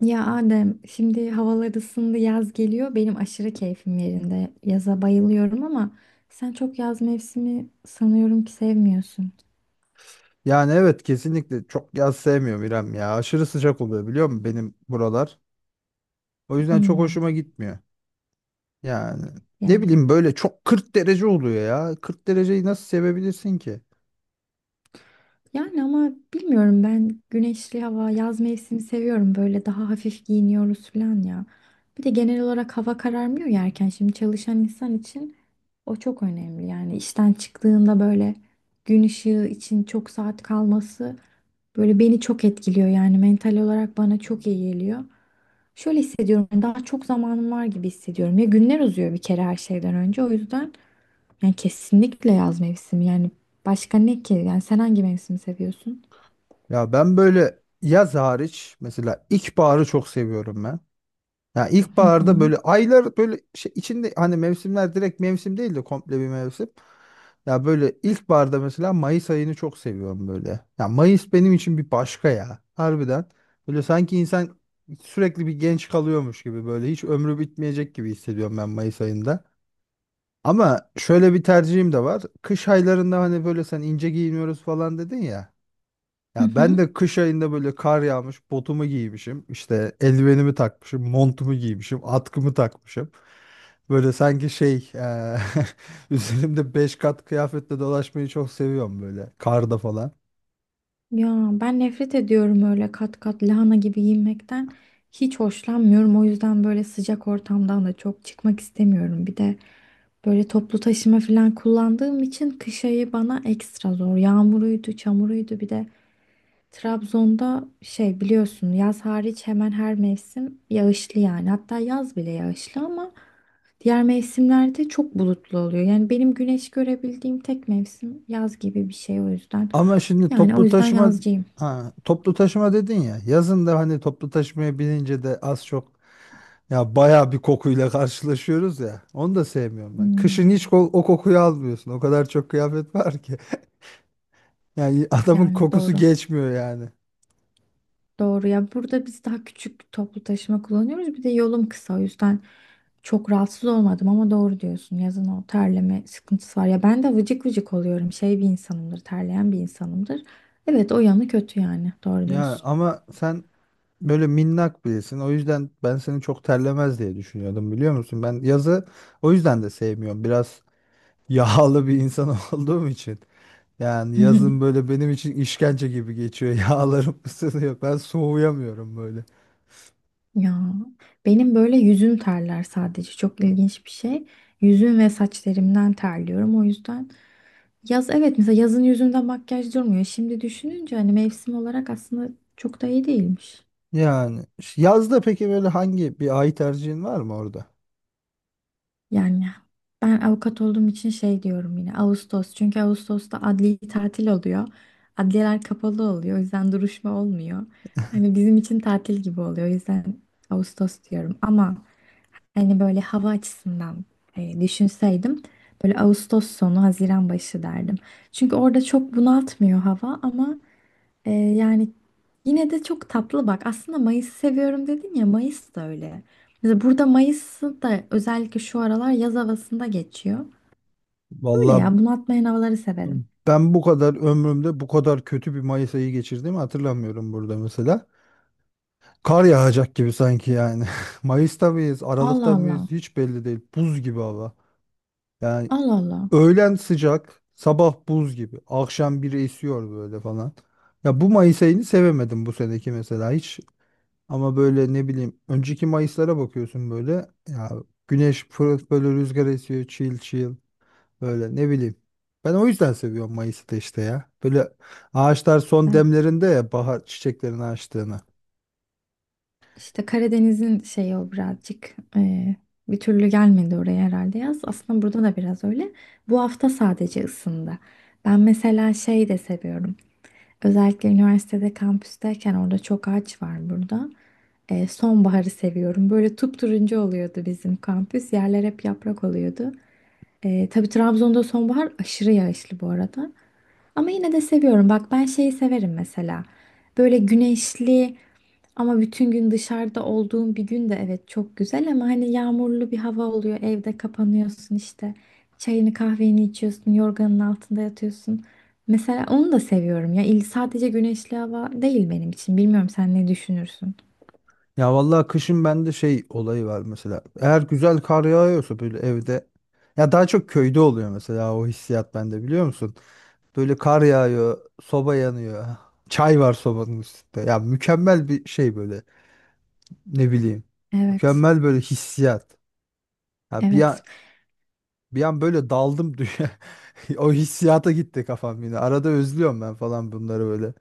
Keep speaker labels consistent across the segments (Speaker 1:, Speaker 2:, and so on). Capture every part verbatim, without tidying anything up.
Speaker 1: Ya Adem, şimdi havalar ısındı, yaz geliyor. Benim aşırı keyfim yerinde. Yaza bayılıyorum ama sen çok yaz mevsimi sanıyorum ki sevmiyorsun.
Speaker 2: Yani evet kesinlikle çok yaz sevmiyorum İrem ya. Aşırı sıcak oluyor biliyor musun benim buralar. O yüzden çok
Speaker 1: Hmm,
Speaker 2: hoşuma gitmiyor. Yani ne
Speaker 1: yani.
Speaker 2: bileyim böyle çok kırk derece oluyor ya. kırk dereceyi nasıl sevebilirsin ki?
Speaker 1: Yani ama bilmiyorum, ben güneşli hava, yaz mevsimi seviyorum. Böyle daha hafif giyiniyoruz falan ya. Bir de genel olarak hava kararmıyor ya erken. Şimdi çalışan insan için o çok önemli. Yani işten çıktığında böyle gün ışığı için çok saat kalması böyle beni çok etkiliyor. Yani mental olarak bana çok iyi geliyor. Şöyle hissediyorum, yani daha çok zamanım var gibi hissediyorum. Ya günler uzuyor bir kere her şeyden önce. O yüzden yani kesinlikle yaz mevsimi. Yani başka ne ki? Yani sen hangi mevsimi seviyorsun?
Speaker 2: Ya ben böyle yaz hariç mesela ilkbaharı çok seviyorum ben. Ya
Speaker 1: Hı
Speaker 2: ilkbaharda
Speaker 1: hı.
Speaker 2: böyle aylar böyle şey içinde hani mevsimler direkt mevsim değil de komple bir mevsim. Ya böyle ilkbaharda mesela Mayıs ayını çok seviyorum böyle. Ya Mayıs benim için bir başka ya. Harbiden. Böyle sanki insan sürekli bir genç kalıyormuş gibi böyle hiç ömrü bitmeyecek gibi hissediyorum ben Mayıs ayında. Ama şöyle bir tercihim de var. Kış aylarında hani böyle sen ince giyiniyoruz falan dedin ya.
Speaker 1: Hı
Speaker 2: Ya ben
Speaker 1: hı.
Speaker 2: de kış ayında böyle kar yağmış, botumu giymişim, işte eldivenimi takmışım, montumu giymişim, atkımı takmışım. Böyle sanki şey, eee, üzerimde beş kat kıyafetle dolaşmayı çok seviyorum böyle karda falan.
Speaker 1: Ya ben nefret ediyorum öyle kat kat lahana gibi giyinmekten. Hiç hoşlanmıyorum. O yüzden böyle sıcak ortamdan da çok çıkmak istemiyorum. Bir de böyle toplu taşıma falan kullandığım için kış ayı bana ekstra zor. Yağmuruydu, çamuruydu, bir de Trabzon'da şey, biliyorsun, yaz hariç hemen her mevsim yağışlı yani. Hatta yaz bile yağışlı ama diğer mevsimlerde çok bulutlu oluyor. Yani benim güneş görebildiğim tek mevsim yaz gibi bir şey o yüzden.
Speaker 2: Ama şimdi
Speaker 1: Yani o
Speaker 2: toplu
Speaker 1: yüzden
Speaker 2: taşıma,
Speaker 1: yazcıyım.
Speaker 2: ha, toplu taşıma dedin ya, yazın da hani toplu taşımaya binince de az çok ya bayağı bir kokuyla karşılaşıyoruz ya. Onu da sevmiyorum ben. Kışın hiç
Speaker 1: Hmm,
Speaker 2: ko- o kokuyu almıyorsun. O kadar çok kıyafet var ki. Yani adamın
Speaker 1: yani
Speaker 2: kokusu
Speaker 1: doğru.
Speaker 2: geçmiyor yani.
Speaker 1: Doğru ya, burada biz daha küçük toplu taşıma kullanıyoruz. Bir de yolum kısa o yüzden çok rahatsız olmadım ama doğru diyorsun. Yazın o terleme sıkıntısı var. Ya ben de vıcık vıcık oluyorum. Şey bir insanımdır, terleyen bir insanımdır. Evet, o yanı kötü yani. Doğru
Speaker 2: Ya
Speaker 1: diyorsun.
Speaker 2: ama sen böyle minnak birisin. O yüzden ben seni çok terlemez diye düşünüyordum biliyor musun? Ben yazı o yüzden de sevmiyorum. Biraz yağlı bir insan olduğum için. Yani yazın böyle benim için işkence gibi geçiyor. Yağlarım ısınıyor. Ben soğuyamıyorum böyle.
Speaker 1: Ya benim böyle yüzüm terler sadece. Çok ilginç bir şey. Yüzüm ve saçlarımdan terliyorum. O yüzden yaz, evet, mesela yazın yüzümde makyaj durmuyor. Şimdi düşününce hani mevsim olarak aslında çok da iyi değilmiş.
Speaker 2: Yani ş- yazda peki böyle hangi bir ay tercihin var mı orada?
Speaker 1: Yani ben avukat olduğum için şey diyorum, yine Ağustos. Çünkü Ağustos'ta adli tatil oluyor. Adliyeler kapalı oluyor. O yüzden duruşma olmuyor. Hani bizim için tatil gibi oluyor. O yüzden Ağustos diyorum. Ama hani böyle hava açısından e, düşünseydim böyle Ağustos sonu Haziran başı derdim. Çünkü orada çok bunaltmıyor hava ama ee, yani yine de çok tatlı bak. Aslında Mayıs'ı seviyorum dedin ya, Mayıs da öyle. Mesela burada Mayıs'ı da özellikle şu aralar yaz havasında geçiyor. Öyle
Speaker 2: Vallahi
Speaker 1: ya, bunaltmayan havaları severim.
Speaker 2: ben bu kadar ömrümde bu kadar kötü bir Mayıs ayı geçirdiğimi hatırlamıyorum burada mesela. Kar yağacak gibi sanki yani. Mayıs'ta mıyız, Aralık'ta
Speaker 1: Allah
Speaker 2: mıyız
Speaker 1: Allah.
Speaker 2: hiç belli değil. Buz gibi hava. Yani
Speaker 1: Allah Allah.
Speaker 2: öğlen sıcak, sabah buz gibi. Akşam biri esiyor böyle falan. Ya bu Mayıs ayını sevemedim bu seneki mesela hiç. Ama böyle ne bileyim önceki Mayıs'lara bakıyorsun böyle. Ya güneş fırıf böyle rüzgar esiyor chill chill böyle ne bileyim. Ben o yüzden seviyorum Mayıs'ı da işte ya. Böyle ağaçlar
Speaker 1: İşte,
Speaker 2: son demlerinde ya bahar çiçeklerini açtığını.
Speaker 1: işte Karadeniz'in şeyi o birazcık ee, bir türlü gelmedi oraya herhalde yaz. Aslında burada da biraz öyle. Bu hafta sadece ısındı. Ben mesela şey de seviyorum. Özellikle üniversitede kampüsteyken, orada çok ağaç var burada. Ee, sonbaharı seviyorum. Böyle turuncu oluyordu bizim kampüs. Yerler hep yaprak oluyordu. Ee, tabii Trabzon'da sonbahar aşırı yağışlı bu arada. Ama yine de seviyorum. Bak ben şeyi severim mesela. Böyle güneşli, ama bütün gün dışarıda olduğun bir gün de evet çok güzel, ama hani yağmurlu bir hava oluyor. Evde kapanıyorsun işte. Çayını kahveni içiyorsun, yorganın altında yatıyorsun. Mesela onu da seviyorum ya. İl sadece güneşli hava değil benim için. Bilmiyorum, sen ne düşünürsün?
Speaker 2: Ya vallahi kışın bende şey olayı var mesela. Eğer güzel kar yağıyorsa böyle evde ya daha çok köyde oluyor mesela o hissiyat bende biliyor musun? Böyle kar yağıyor, soba yanıyor. Çay var sobanın üstünde. Ya mükemmel bir şey böyle. Ne bileyim.
Speaker 1: Evet.
Speaker 2: Mükemmel böyle hissiyat. Ya bir an,
Speaker 1: Evet.
Speaker 2: bir an böyle daldım dünya. O hissiyata gitti kafam yine. Arada özlüyorum ben falan bunları böyle.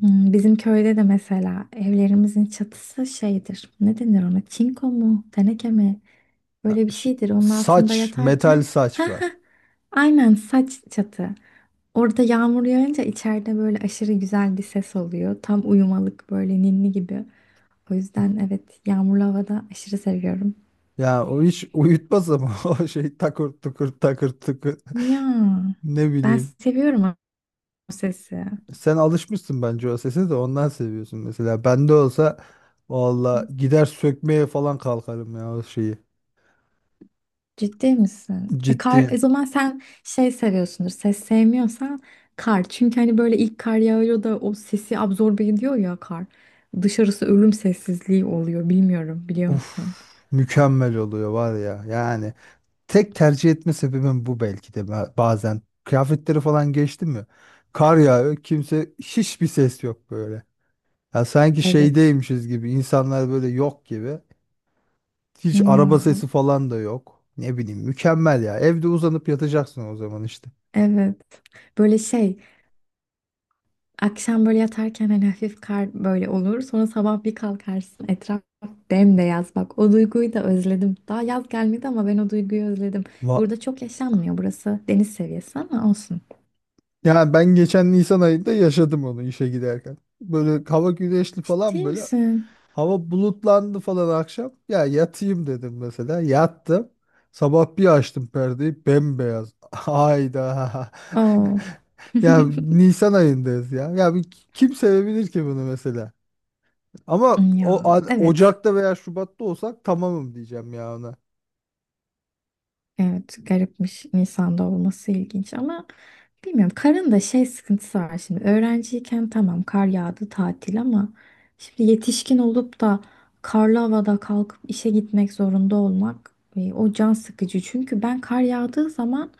Speaker 1: Hmm, bizim köyde de mesela evlerimizin çatısı şeydir. Ne denir ona? Çinko mu? Teneke mi?
Speaker 2: Ya
Speaker 1: Böyle bir
Speaker 2: ş-
Speaker 1: şeydir. Onun altında
Speaker 2: Saç, metal
Speaker 1: yatarken
Speaker 2: saç var.
Speaker 1: aynen, saç çatı. Orada yağmur yağınca içeride böyle aşırı güzel bir ses oluyor. Tam uyumalık böyle ninni gibi. O yüzden evet, yağmurlu havada aşırı seviyorum.
Speaker 2: Ya o iş uyutmaz ama o şey takır tukur takır tukur
Speaker 1: Ya
Speaker 2: ne
Speaker 1: ben
Speaker 2: bileyim.
Speaker 1: seviyorum o sesi.
Speaker 2: Sen alışmışsın bence o sese de ondan seviyorsun mesela. Bende olsa valla gider sökmeye falan kalkarım ya o şeyi.
Speaker 1: Ciddi misin? E,
Speaker 2: Ciddi.
Speaker 1: kar, e, o zaman sen şey seviyorsundur. Ses sevmiyorsan kar. Çünkü hani böyle ilk kar yağıyor da o sesi absorbe ediyor ya kar. Dışarısı ölüm sessizliği oluyor. Bilmiyorum, biliyor
Speaker 2: Uf,
Speaker 1: musun?
Speaker 2: mükemmel oluyor var ya yani. Tek tercih etme sebebim bu belki de ba- bazen. Kıyafetleri falan geçti mi? Kar yağıyor kimse hiçbir ses yok böyle. Ya sanki
Speaker 1: Evet.
Speaker 2: şeydeymişiz gibi insanlar böyle yok gibi. Hiç araba
Speaker 1: Ya
Speaker 2: sesi falan da yok. Ne bileyim mükemmel ya. Evde uzanıp yatacaksın o zaman işte.
Speaker 1: evet. Böyle şey, akşam böyle yatarken hani hafif kar böyle olur. Sonra sabah bir kalkarsın. Etraf bembeyaz. Bak o duyguyu da özledim. Daha yaz gelmedi ama ben o duyguyu özledim.
Speaker 2: Va
Speaker 1: Burada çok yaşanmıyor. Burası deniz seviyesi ama olsun.
Speaker 2: Yani ben geçen Nisan ayında yaşadım onu işe giderken. Böyle hava güneşli falan
Speaker 1: Ciddi
Speaker 2: böyle.
Speaker 1: misin?
Speaker 2: Hava bulutlandı falan akşam. Ya yatayım dedim mesela. Yattım. Sabah bir açtım perdeyi bembeyaz. Hayda.
Speaker 1: Oo.
Speaker 2: Ya Nisan ayındayız ya. Ya bir kim sevebilir ki bunu mesela? Ama o
Speaker 1: Ya
Speaker 2: a-
Speaker 1: evet.
Speaker 2: Ocak'ta veya Şubat'ta olsak tamamım diyeceğim ya ona.
Speaker 1: Evet, garipmiş Nisan'da olması, ilginç ama bilmiyorum. Karın da şey sıkıntısı var şimdi. Öğrenciyken tamam, kar yağdı tatil, ama şimdi yetişkin olup da karlı havada kalkıp işe gitmek zorunda olmak, e, o can sıkıcı. Çünkü ben kar yağdığı zaman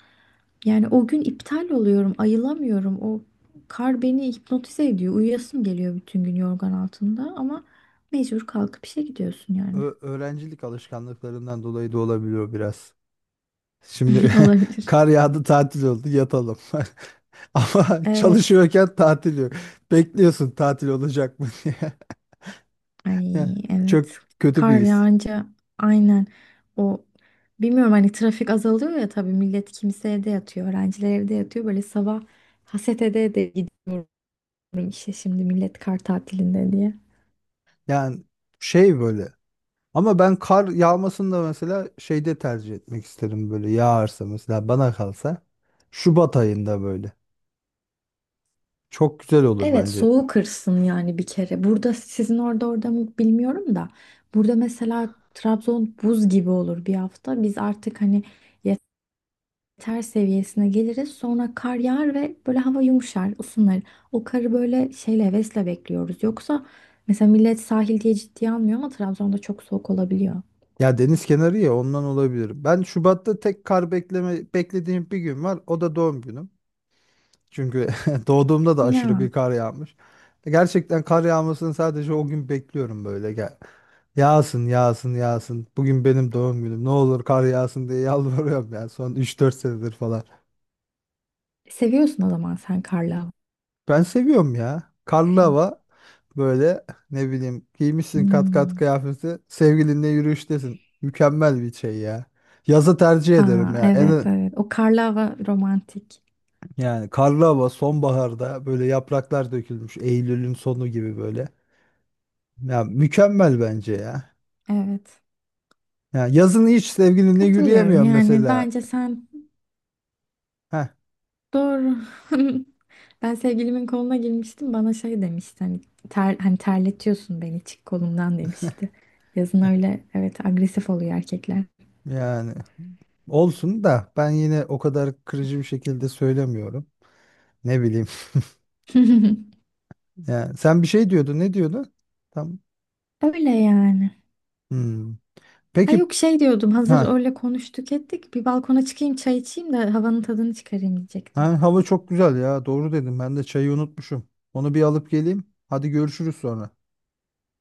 Speaker 1: yani o gün iptal oluyorum, ayılamıyorum. O kar beni hipnotize ediyor. Uyuyasım geliyor bütün gün yorgan altında, ama mecbur kalkıp işe gidiyorsun yani.
Speaker 2: Ö- öğrencilik alışkanlıklarından dolayı da olabiliyor biraz. Şimdi
Speaker 1: Olabilir.
Speaker 2: kar yağdı tatil oldu yatalım. Ama
Speaker 1: Evet.
Speaker 2: çalışıyorken tatil yok. Bekliyorsun tatil olacak mı diye. Yani
Speaker 1: Ay
Speaker 2: çok
Speaker 1: evet.
Speaker 2: kötü bir
Speaker 1: Kar
Speaker 2: his.
Speaker 1: yağınca aynen o, bilmiyorum, hani trafik azalıyor ya, tabii millet, kimse evde yatıyor. Öğrenciler evde yatıyor. Böyle sabah haset ede ede gidiyorum işte, şimdi millet kar tatilinde diye.
Speaker 2: Yani şey böyle. Ama ben kar yağmasını da mesela şeyde tercih etmek isterim böyle yağarsa mesela bana kalsa. Şubat ayında böyle. Çok güzel olur
Speaker 1: Evet,
Speaker 2: bence.
Speaker 1: soğuk kırsın yani bir kere. Burada sizin orada, orada mı bilmiyorum da. Burada mesela Trabzon buz gibi olur bir hafta. Biz artık hani ter seviyesine geliriz. Sonra kar yağar ve böyle hava yumuşar, ısınır. O karı böyle şeyle, hevesle bekliyoruz. Yoksa mesela millet sahil diye ciddiye almıyor ama Trabzon'da çok soğuk olabiliyor.
Speaker 2: Ya deniz kenarı ya ondan olabilir. Ben Şubat'ta tek kar bekleme beklediğim bir gün var. O da doğum günüm. Çünkü doğduğumda da aşırı bir
Speaker 1: Ya
Speaker 2: kar yağmış. Gerçekten kar yağmasını sadece o gün bekliyorum böyle. Gel. Yağsın, yağsın, yağsın. Bugün benim doğum günüm. Ne olur kar yağsın diye yalvarıyorum ya son üç dört senedir falan.
Speaker 1: seviyorsun o zaman sen karlı
Speaker 2: Ben seviyorum ya. Karlı
Speaker 1: hava.
Speaker 2: hava böyle ne bileyim giymişsin kat kat
Speaker 1: Hmm.
Speaker 2: kıyafeti sevgilinle yürüyüştesin. Mükemmel bir şey ya. Yazı tercih ederim
Speaker 1: Aa,
Speaker 2: ya.
Speaker 1: evet
Speaker 2: En
Speaker 1: evet, o karlı hava romantik.
Speaker 2: yani karlı hava sonbaharda böyle yapraklar dökülmüş Eylül'ün sonu gibi böyle. Ya mükemmel bence ya.
Speaker 1: Evet,
Speaker 2: Ya yazın hiç sevgilinle
Speaker 1: katılıyorum,
Speaker 2: yürüyemiyorum
Speaker 1: yani
Speaker 2: mesela.
Speaker 1: bence sen.
Speaker 2: Heh,
Speaker 1: Doğru. Ben sevgilimin koluna girmiştim. Bana şey demişti hani, ter, hani terletiyorsun beni, çık kolumdan demişti. Yazın öyle evet, agresif oluyor erkekler.
Speaker 2: yani olsun da ben yine o kadar kırıcı bir şekilde söylemiyorum. Ne bileyim. Yani sen bir şey diyordun. Ne diyordun? Tam.
Speaker 1: Öyle yani.
Speaker 2: Hmm.
Speaker 1: Ha
Speaker 2: Peki
Speaker 1: yok, şey diyordum, hazır
Speaker 2: ha,
Speaker 1: öyle konuştuk ettik, bir balkona çıkayım, çay içeyim de havanın tadını çıkarayım diyecektim.
Speaker 2: ha hava çok güzel ya. Doğru dedim. Ben de çayı unutmuşum. Onu bir alıp geleyim. Hadi görüşürüz sonra.